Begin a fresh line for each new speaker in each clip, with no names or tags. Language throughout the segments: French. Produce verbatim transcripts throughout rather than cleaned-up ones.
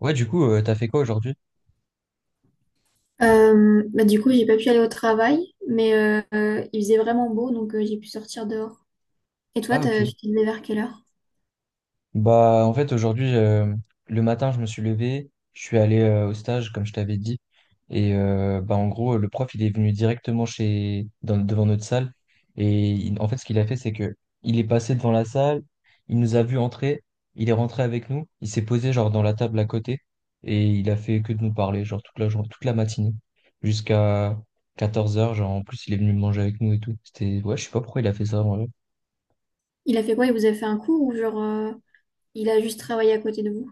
Ouais, du coup, euh, t'as fait quoi aujourd'hui?
Euh, bah, du coup, j'ai pas pu aller au travail, mais euh, euh, il faisait vraiment beau, donc euh, j'ai pu sortir dehors. Et toi,
Ah,
t'as-
ok.
tu t'es levé vers quelle heure?
Bah, en fait, aujourd'hui, euh, le matin, je me suis levé, je suis allé euh, au stage, comme je t'avais dit. Et euh, bah, en gros, le prof, il est venu directement chez... dans- devant notre salle. Et il- en fait, ce qu'il a fait, c'est que il est passé devant la salle, il nous a vu entrer, il est rentré avec nous, il s'est posé, genre, dans la table à côté. Et il a fait que de nous parler, genre, toute la journée, toute la matinée, jusqu'à quatorze heures. Genre, en plus, il est venu manger avec nous et tout. C'était, ouais, je sais pas pourquoi il a fait ça.
Il a fait quoi? Il vous a fait un coup ou genre euh, il a juste travaillé à côté de vous?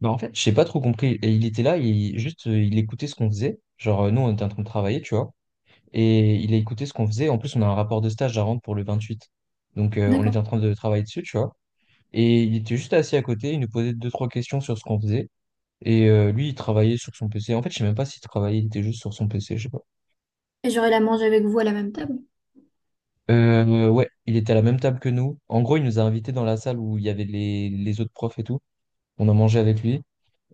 Bah, en fait, j'ai pas trop compris. Et il était là, il, juste, euh, il écoutait ce qu'on faisait. Genre, euh, nous, on était en train de travailler, tu vois. Et il a écouté ce qu'on faisait. En plus, on a un rapport de stage à rendre pour le vingt-huit. Donc, euh, on était
D'accord.
en train de travailler dessus, tu vois. Et il était juste assis à côté, il nous posait deux, trois questions sur ce qu'on faisait. Et euh, lui, il travaillait sur son P C. En fait, je sais même pas s'il travaillait, il était juste sur son P C, je sais pas.
Et genre il a mangé avec vous à la même table?
Euh, ouais, il était à la même table que nous. En gros, il nous a invités dans la salle où il y avait les, les autres profs et tout. On a mangé avec lui.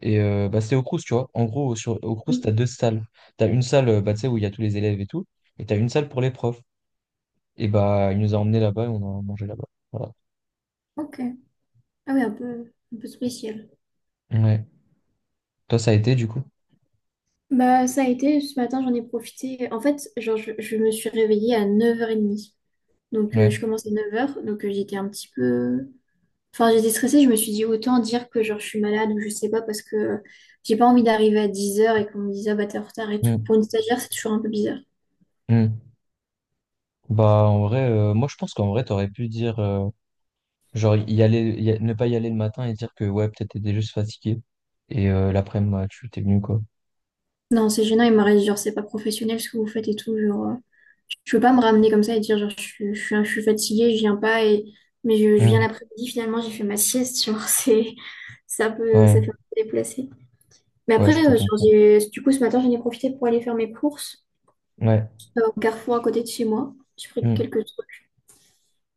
Et euh, bah, c'était au Crous, tu vois. En gros, sur, au Crous, t'as
Oui.
deux salles. T'as une salle euh, bah, tu sais, où il y a tous les élèves et tout, et t'as une salle pour les profs. Et bah, il nous a emmenés là-bas et on a mangé là-bas. Voilà.
Ok. Ah oui, un peu, un peu spécial.
Ouais. Toi, ça a été du coup?
Bah ça a été, ce matin j'en ai profité. En fait, genre je, je me suis réveillée à neuf heures trente. Donc euh,
Ouais.
je commençais à neuf heures donc euh, j'étais un petit peu. Enfin, j'étais stressée, je me suis dit autant dire que genre je suis malade ou je sais pas parce que j'ai pas envie d'arriver à dix heures et qu'on me dise, ah bah t'es en retard et tout. Pour
Mm.
une stagiaire, c'est toujours un peu bizarre.
Mm. Bah, en vrai, euh, moi, je pense qu'en vrai, t'aurais pu dire, euh, genre, y aller, y a- ne pas y aller le matin et dire que, ouais, peut-être t'étais juste fatigué. Et euh, l'après-midi, ouais, tu t'es venu, quoi.
Non, c'est gênant, il m'aurait dit genre c'est pas professionnel ce que vous faites et tout. Genre, euh, je peux pas me ramener comme ça et dire genre je, suis- je, suis un- je suis fatiguée, je viens pas et mais je, je viens
Mm.
l'après-midi finalement, j'ai fait ma sieste. Genre, c'est ça peut
Ouais.
ça fait un peu déplacé. Mais
Ouais,
après,
je peux
euh, genre,
comprendre.
j'ai- du coup, ce matin, j'en ai profité pour aller faire mes courses
Ouais.
euh, au Carrefour à côté de chez moi. J'ai pris
Mm.
quelques trucs.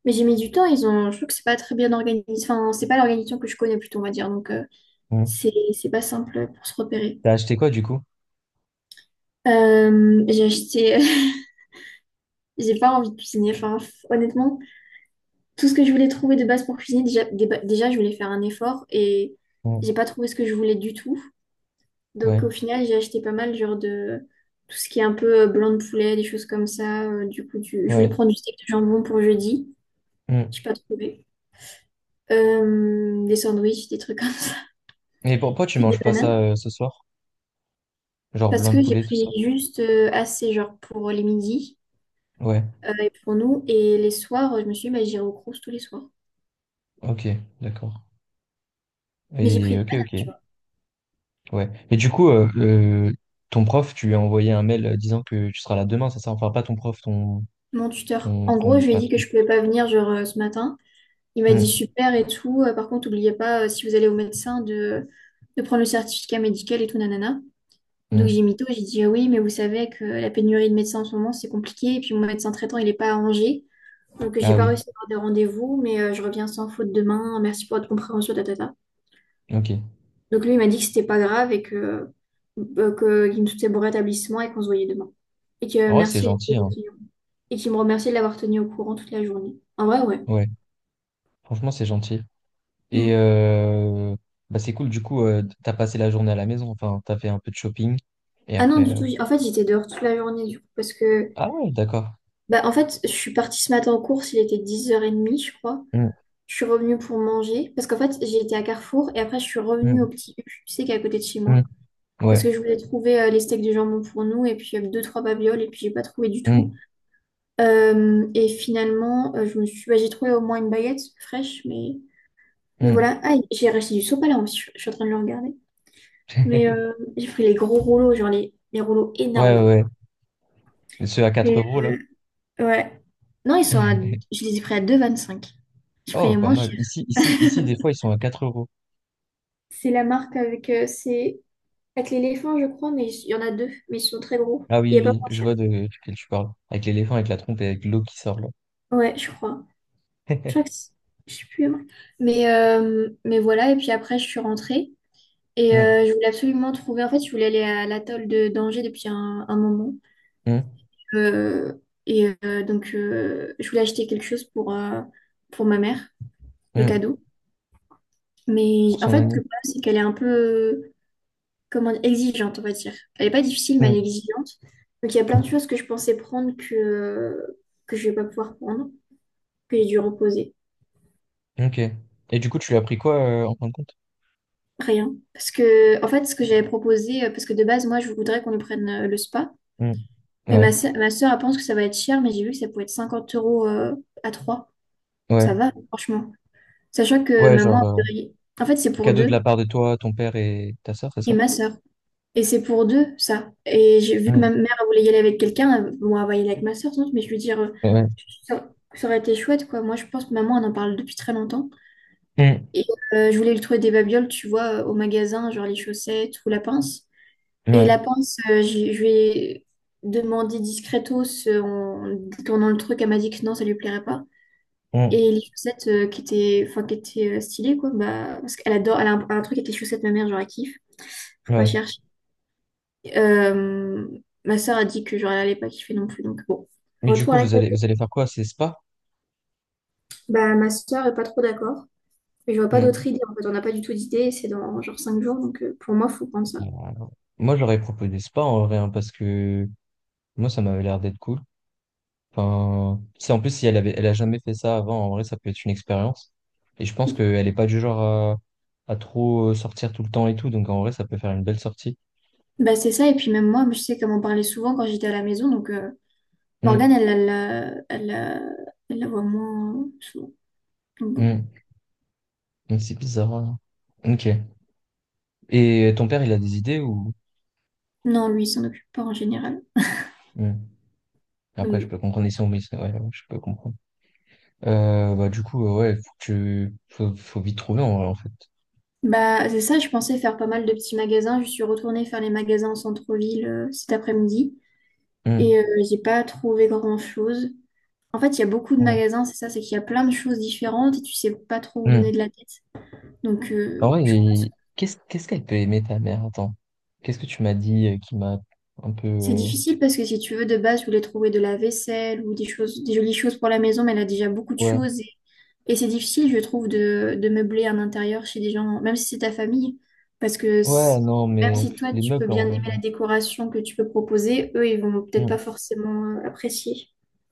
Mais j'ai mis du temps, ils ont... je trouve que c'est pas très bien organisé. Enfin, c'est pas l'organisation que je connais plutôt, on va dire. Donc, euh,
Mm.
c'est c'est pas simple pour se repérer.
T'as acheté quoi, du coup?
Euh, j'ai acheté... J'ai pas envie de cuisiner. Enfin, f- honnêtement, tout ce que je voulais trouver de base pour cuisiner, déjà, déba- déjà je voulais faire un effort et
Mm.
j'ai pas trouvé ce que je voulais du tout.
Ouais.
Donc, au final, j'ai acheté pas mal, genre de... Tout ce qui est un peu euh, blanc de poulet, des choses comme ça. Euh, du coup, du... je voulais
Ouais.
prendre du steak de jambon pour jeudi.
Mmh.
J'ai pas trouvé. Euh, des sandwichs, des trucs comme ça.
Mais pourquoi tu
Puis des
manges pas ça
bananes.
euh, ce soir? Genre
Parce
blanc de
que j'ai
poulet, tout
pris
ça?
juste euh, assez, genre pour les midis
Ouais,
euh, et pour nous. Et les soirs, euh, je me suis dit, bah, j'irai au Crous tous les soirs.
ok, d'accord.
Mais j'ai pris
Et
des
ok,
bananes, tu
ok,
vois.
ouais. Et du coup, euh, euh, ton prof, tu lui as envoyé un mail euh, disant que tu seras là demain, c'est ça? Enfin, pas ton prof, ton,
Mon tuteur,
ton,
en gros,
ton
je lui ai dit que
patron.
je pouvais pas venir, genre euh, ce matin. Il m'a dit
Hmm,
super et tout. Euh, par contre, n'oubliez pas, euh, si vous allez au médecin, de, de prendre le certificat médical et tout, nanana. Donc j'ai
hmm.
mytho, j'ai dit, ah oui, mais vous savez que la pénurie de médecins en ce moment, c'est compliqué. Et puis mon médecin traitant, il est pas à Angers. Donc j'ai
Ah
pas
oui,
réussi à avoir de rendez-vous, mais euh, je reviens sans faute demain. Merci pour votre compréhension, tata.
ok.
Donc lui, il m'a dit que c'était pas grave et que, euh, que- qu'il me souhaitait bon rétablissement et qu'on se voyait demain. Et que euh,
En vrai, c'est
merci
gentil, hein.
et qu'il me remerciait de l'avoir tenu au courant toute la journée. En vrai, ouais.
Ouais, franchement, c'est gentil. Et
Mm.
euh, bah, c'est cool, du coup, euh, t'as passé la journée à la maison, enfin, t'as fait un peu de shopping, et
Ah non,
après.
du
euh,
tout. j'- En fait, j'étais dehors toute la journée du coup parce que
Ah ouais, d'accord.
bah en fait, je suis partie ce matin en course, il était dix heures trente, je crois.
Hmm,
Je suis revenue pour manger parce qu'en fait, j'ai été à Carrefour et après je suis revenue au
hmm,
petit U, tu sais, qui est à côté de chez
hmm.
moi. Parce
Ouais.
que je voulais trouver euh, les steaks de jambon pour nous et puis euh, deux, trois babioles et puis j'ai pas trouvé du
Hmm,
tout. Euh, et finalement, euh, je me suis, bah, j'ai trouvé au moins une baguette fraîche, mais, mais
hmm.
voilà. Ah, j'ai racheté du sopalin aussi, je, je suis en train de le regarder. Mais euh, j'ai pris les gros rouleaux, genre les, les rouleaux
Ouais,
énormes.
ouais, et ceux à quatre
Et
euros, là.
ouais. Non, ils sont à, je les ai pris à deux vingt cinq. J'ai pris
Oh,
les
pas
moins
mal.
chers.
Ici, ici, ici, des fois, ils sont à quatre euros.
C'est la marque avec, euh, c'est avec l'éléphant, je crois, mais il y en a deux, mais ils sont très gros.
Ah
Il
oui,
n'y a
oui,
pas
oui,
moins
je
cher.
vois de quel tu parles. Avec l'éléphant, avec la trompe et avec l'eau qui sort, là.
Ouais, je crois. Je crois que c'est- je sais plus la marque. Mais, euh, mais voilà, et puis après, je suis rentrée. Et euh,
Hum,
je voulais absolument trouver, en fait, je voulais aller à l'atoll de d'Angers depuis un, un moment.
hum,
Euh, et euh, donc, euh, je voulais acheter quelque chose pour, euh, pour ma mère, de
hum.
cadeau. Mais
Pour
en
son
fait, le
ami.
problème, c'est qu'elle est un peu, euh, comment dire, exigeante, on va dire. Elle n'est pas difficile, mais elle
Hum,
est exigeante. Donc, il y a plein de choses que je pensais prendre que, que je ne vais pas pouvoir prendre, que j'ai dû reposer.
ok. Et du coup, tu lui as pris quoi, euh, en fin de compte?
Rien. Parce que, en fait, ce que j'avais proposé, euh, parce que de base, moi, je voudrais qu'on lui prenne euh, le spa.
Hum.
Mais
Ouais,
ma soeur, ma sœur, elle pense que ça va être cher, mais j'ai vu que ça pouvait être cinquante euros euh, à trois.
ouais.
Ça va, franchement. Sachant que
Ouais, genre,
maman,
euh,
elle voudrait- en fait, c'est pour
cadeau de la
deux
part de toi, ton père et ta sœur, c'est
et
ça?
ma soeur. Et c'est pour deux, ça. Et j'ai vu que ma
Hum,
mère, elle voulait y aller avec quelqu'un. elle- Bon, elle va y aller avec ma soeur, sans doute, mais je veux dire, euh,
Ouais.
ça, ça aurait été chouette, quoi. Moi, je pense que maman, elle en parle depuis très longtemps.
Hum,
Et euh, je voulais lui trouver des babioles, tu vois, euh, au magasin, genre les chaussettes ou la pince. Et
ouais.
la pince, euh, je je lui ai demandé discretos euh, en tournant le truc, elle m'a dit que non, ça lui plairait pas.
Hum,
Et les chaussettes euh, qui étaient, enfin, qui étaient euh, stylées, quoi, bah, parce qu'elle adore, elle a un, un truc avec les chaussettes, ma mère, genre, elle kiffe. Faut pas
ouais.
chercher. Euh, Ma soeur a dit que, genre, elle allait pas kiffer non plus, donc bon.
Mais du
Retour
coup,
à la
vous
classe.
allez, vous allez faire quoi? C'est spa?
Bah, ma soeur est pas trop d'accord. Mais je vois pas
Hum.
d'autres idées, en fait, on n'a pas du tout d'idées, c'est dans genre cinq jours, donc euh, pour moi, faut prendre ça.
Euh, Moi, je leur ai proposé spa, en vrai, hein, parce que moi, ça m'avait l'air d'être cool. Enfin, tu sais, en plus, si elle avait, elle a jamais fait ça avant, en vrai, ça peut être une expérience. Et je pense qu'elle est pas du genre à, à trop euh, sortir tout le temps et tout. Donc, en vrai, ça peut faire une belle sortie.
Bah, c'est ça, et puis même moi, je sais comment parler souvent quand j'étais à la maison, donc. euh,
Hmm,
Morgane, elle, elle, euh, elle, euh, elle la voit moins souvent. Donc bon.
hmm. Hmm, c'est bizarre, hein. Ok. Et ton père, il a des idées ou.
Non, lui, il s'en occupe pas en général.
Hmm. Après,
Donc
je
bon.
peux comprendre ici, oui, c'est- ouais, ouais, je peux comprendre. Euh, bah, du coup, euh, ouais, faut que tu, faut, faut vite trouver, en vrai, en fait.
Bah, c'est ça, je pensais faire pas mal de petits magasins. Je suis retournée faire les magasins en centre-ville euh, cet après-midi
Hmm,
et euh, j'ai pas trouvé grand-chose. En fait, il y a beaucoup de
hmm,
magasins, c'est ça, c'est qu'il y a plein de choses différentes et tu sais pas trop où donner
hmm.
de la tête. Donc,
En
euh,
vrai,
je pense
il-
que
qu'est-ce qu'est-ce qu'elle peut aimer, ta mère? Attends. Qu'est-ce que tu m'as dit euh, qui m'a un peu.
c'est
Euh,
difficile parce que si tu veux, de base, je voulais trouver de la vaisselle ou des choses, des jolies choses pour la maison, mais elle a déjà beaucoup de
ouais.
choses. Et c'est difficile, je trouve, de, de meubler un intérieur chez des gens, même si c'est ta famille, parce que
Ouais,
c-
non,
même
mais
si
pff,
toi,
les
tu peux
meubles, en
bien
vrai,
aimer la
non.
décoration que tu peux proposer, eux, ils vont peut-être
Hmm.
pas forcément euh, apprécier.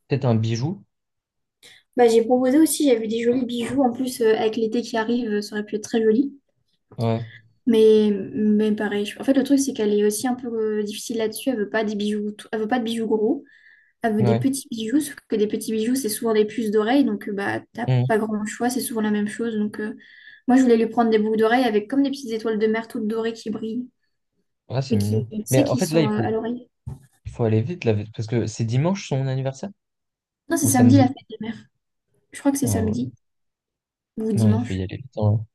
Peut-être un bijou.
Bah, j'ai proposé aussi, j'avais des jolis bijoux, en plus, euh, avec l'été qui arrive, euh, ça aurait pu être très joli.
Ouais,
Mais, mais pareil, je- en fait, le truc, c'est qu'elle est aussi un peu euh, difficile là-dessus, elle veut pas des bijoux, t- elle veut pas de bijoux gros. Elle veut des
ouais.
petits bijoux, sauf que des petits bijoux, c'est souvent des puces d'oreilles, donc euh, bah t'as
Hmm.
pas grand choix, c'est souvent la même chose. Donc euh, moi je voulais lui prendre des boucles d'oreilles avec comme des petites étoiles de mer toutes dorées qui brillent,
Ouais, c'est
mais qui,
mignon.
tu sais,
Mais en
qui
fait, là,
sont
il
euh,
faut,
à l'oreille.
il faut aller vite, là, parce que c'est dimanche son anniversaire?
Non, c'est
Ou
samedi la
samedi?
fête des mères. Je crois que c'est
Ah ouais.
samedi ou
Non, il faut
dimanche.
y aller vite, hein.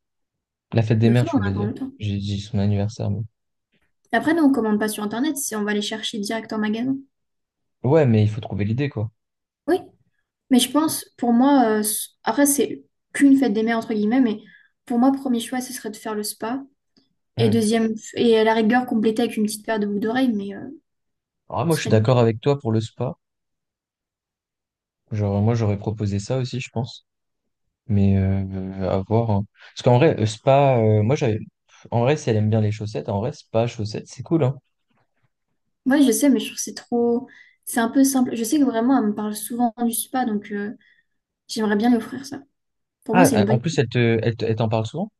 La fête des
Bah
mères,
ça,
je
on
voulais
a encore
dire.
le temps.
J'ai dit son anniversaire, mais.
Après, nous, on commande pas sur Internet, c'est on va les chercher direct en magasin.
Ouais, mais il faut trouver l'idée, quoi.
Oui, mais je pense, pour moi, euh, s- après, c'est qu'une fête des mères, entre guillemets, mais pour moi, premier choix, ce serait de faire le spa. Et
Hmm.
deuxième, et à la rigueur, compléter avec une petite paire de boucles d'oreilles, mais euh,
Ah, moi,
ce
je suis
serait l'idéal.
d'accord avec toi pour le spa. Genre, moi, j'aurais proposé ça aussi, je pense. Mais euh, à voir, hein. Parce qu'en vrai, euh, spa, euh, moi, j'avais. En vrai, si elle aime bien les chaussettes, en vrai, spa, chaussettes, c'est cool, hein.
Ouais, je sais, mais je trouve que c'est trop. C'est un peu simple. Je sais que vraiment, elle me parle souvent du spa, donc euh, j'aimerais bien lui offrir ça. Pour moi,
Ah,
c'est une
euh, en
bonne
plus,
idée.
elle te, elle te- elle t'en parle souvent?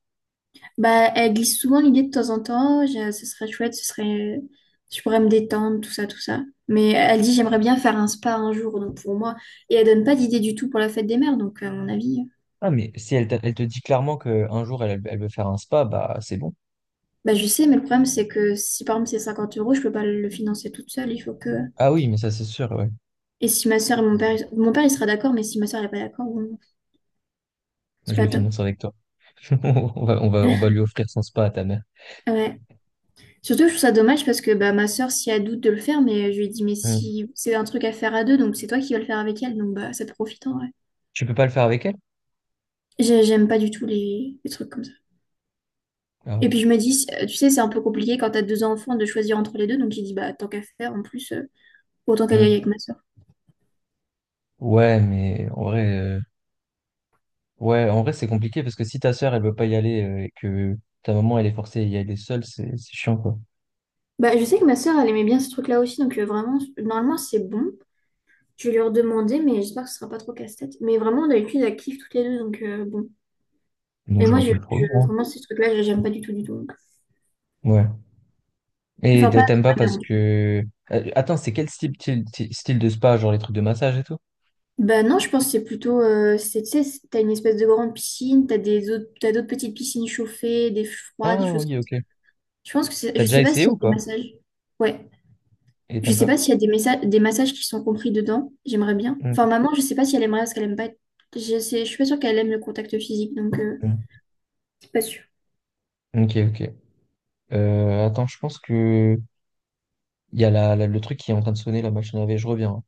Bah, elle glisse souvent l'idée de temps en temps. Je- Ce serait chouette, ce serait. Je pourrais me détendre, tout ça, tout ça. Mais elle dit, j'aimerais bien faire un spa un jour, donc pour moi. Et elle donne pas d'idée du tout pour la fête des mères, donc à mon avis. euh,
Ah, mais si elle, te- elle te dit clairement qu'un jour, elle, elle veut faire un spa, bah, c'est bon.
Bah, je sais, mais le problème, c'est que si par exemple c'est cinquante euros, je peux pas le financer toute seule. Il faut que.
Ah oui, mais ça, c'est sûr, ouais.
Et si ma soeur et mon père, ils- mon père il sera d'accord, mais si ma soeur n'est pas d'accord, bon, c'est
Je
pas
le
top.
finance avec toi. On va, on va, on va lui offrir son spa à ta mère.
Ouais. Surtout, je trouve ça dommage parce que bah, ma soeur, si elle doute de le faire, mais je lui ai dit, mais
Hmm.
si c'est un truc à faire à deux, donc c'est toi qui vas le faire avec elle, donc bah, ça profite en vrai.
Tu peux pas le faire avec elle?
J'ai- J'aime pas du tout les, les trucs comme ça. Et
Ah.
puis je me dis, euh, tu sais, c'est un peu compliqué quand t'as deux enfants de choisir entre les deux, donc j'ai dit, bah tant qu'à faire, en plus, euh, autant qu'elle y aille
Hmm.
avec ma soeur.
Ouais, mais en vrai, euh, ouais, en vrai, c'est compliqué parce que si ta sœur, elle veut pas y aller euh, et que ta maman, elle est forcée à y aller seule, c'est, c'est chiant, quoi.
Bah, je sais que ma soeur, elle aimait bien ce truc-là aussi, donc euh, vraiment, normalement, c'est bon. Je vais lui redemander, mais j'espère que ce sera pas trop casse-tête. Mais vraiment, d'habitude, elle kiffe toutes les deux, donc euh, bon.
Donc,
Mais
je
moi,
vois
je,
plus le problème,
je-
hein.
vraiment, ces trucs-là, je- j'aime pas du tout, du tout. Donc.
Ouais. Et
Enfin, pas
t'a-
avec
t'aimes pas
ma mère,
parce
en tout cas.
que. Euh, Attends, c'est quel style, style, style, de spa, genre les trucs de massage et tout?
Bah non, je pense que c'est plutôt... euh, c'est, tu sais, c'est- t'as une espèce de grande piscine, t'as des autres, t'as d'autres petites piscines chauffées, des froides, des
Ah
choses
oui,
comme ça.
ok.
Je pense que c'est...
T'as
Je
déjà
sais pas
essayé
s'il y a
ou
des
pas?
massages. Ouais.
Et
Je
t'aimes
sais
pas?
pas s'il y a des messa- des massages qui sont compris dedans. J'aimerais bien.
Mm.
Enfin, maman, je sais pas si elle aimerait, parce qu'elle aime pas... être- Je sais, je suis pas sûre qu'elle aime le contact physique, donc... euh,
Mm.
c'est pas sûr.
Ok, ok. Euh, attends, je pense que il y a la, la- le truc qui est en train de sonner, la machine à laver, je reviens, hein.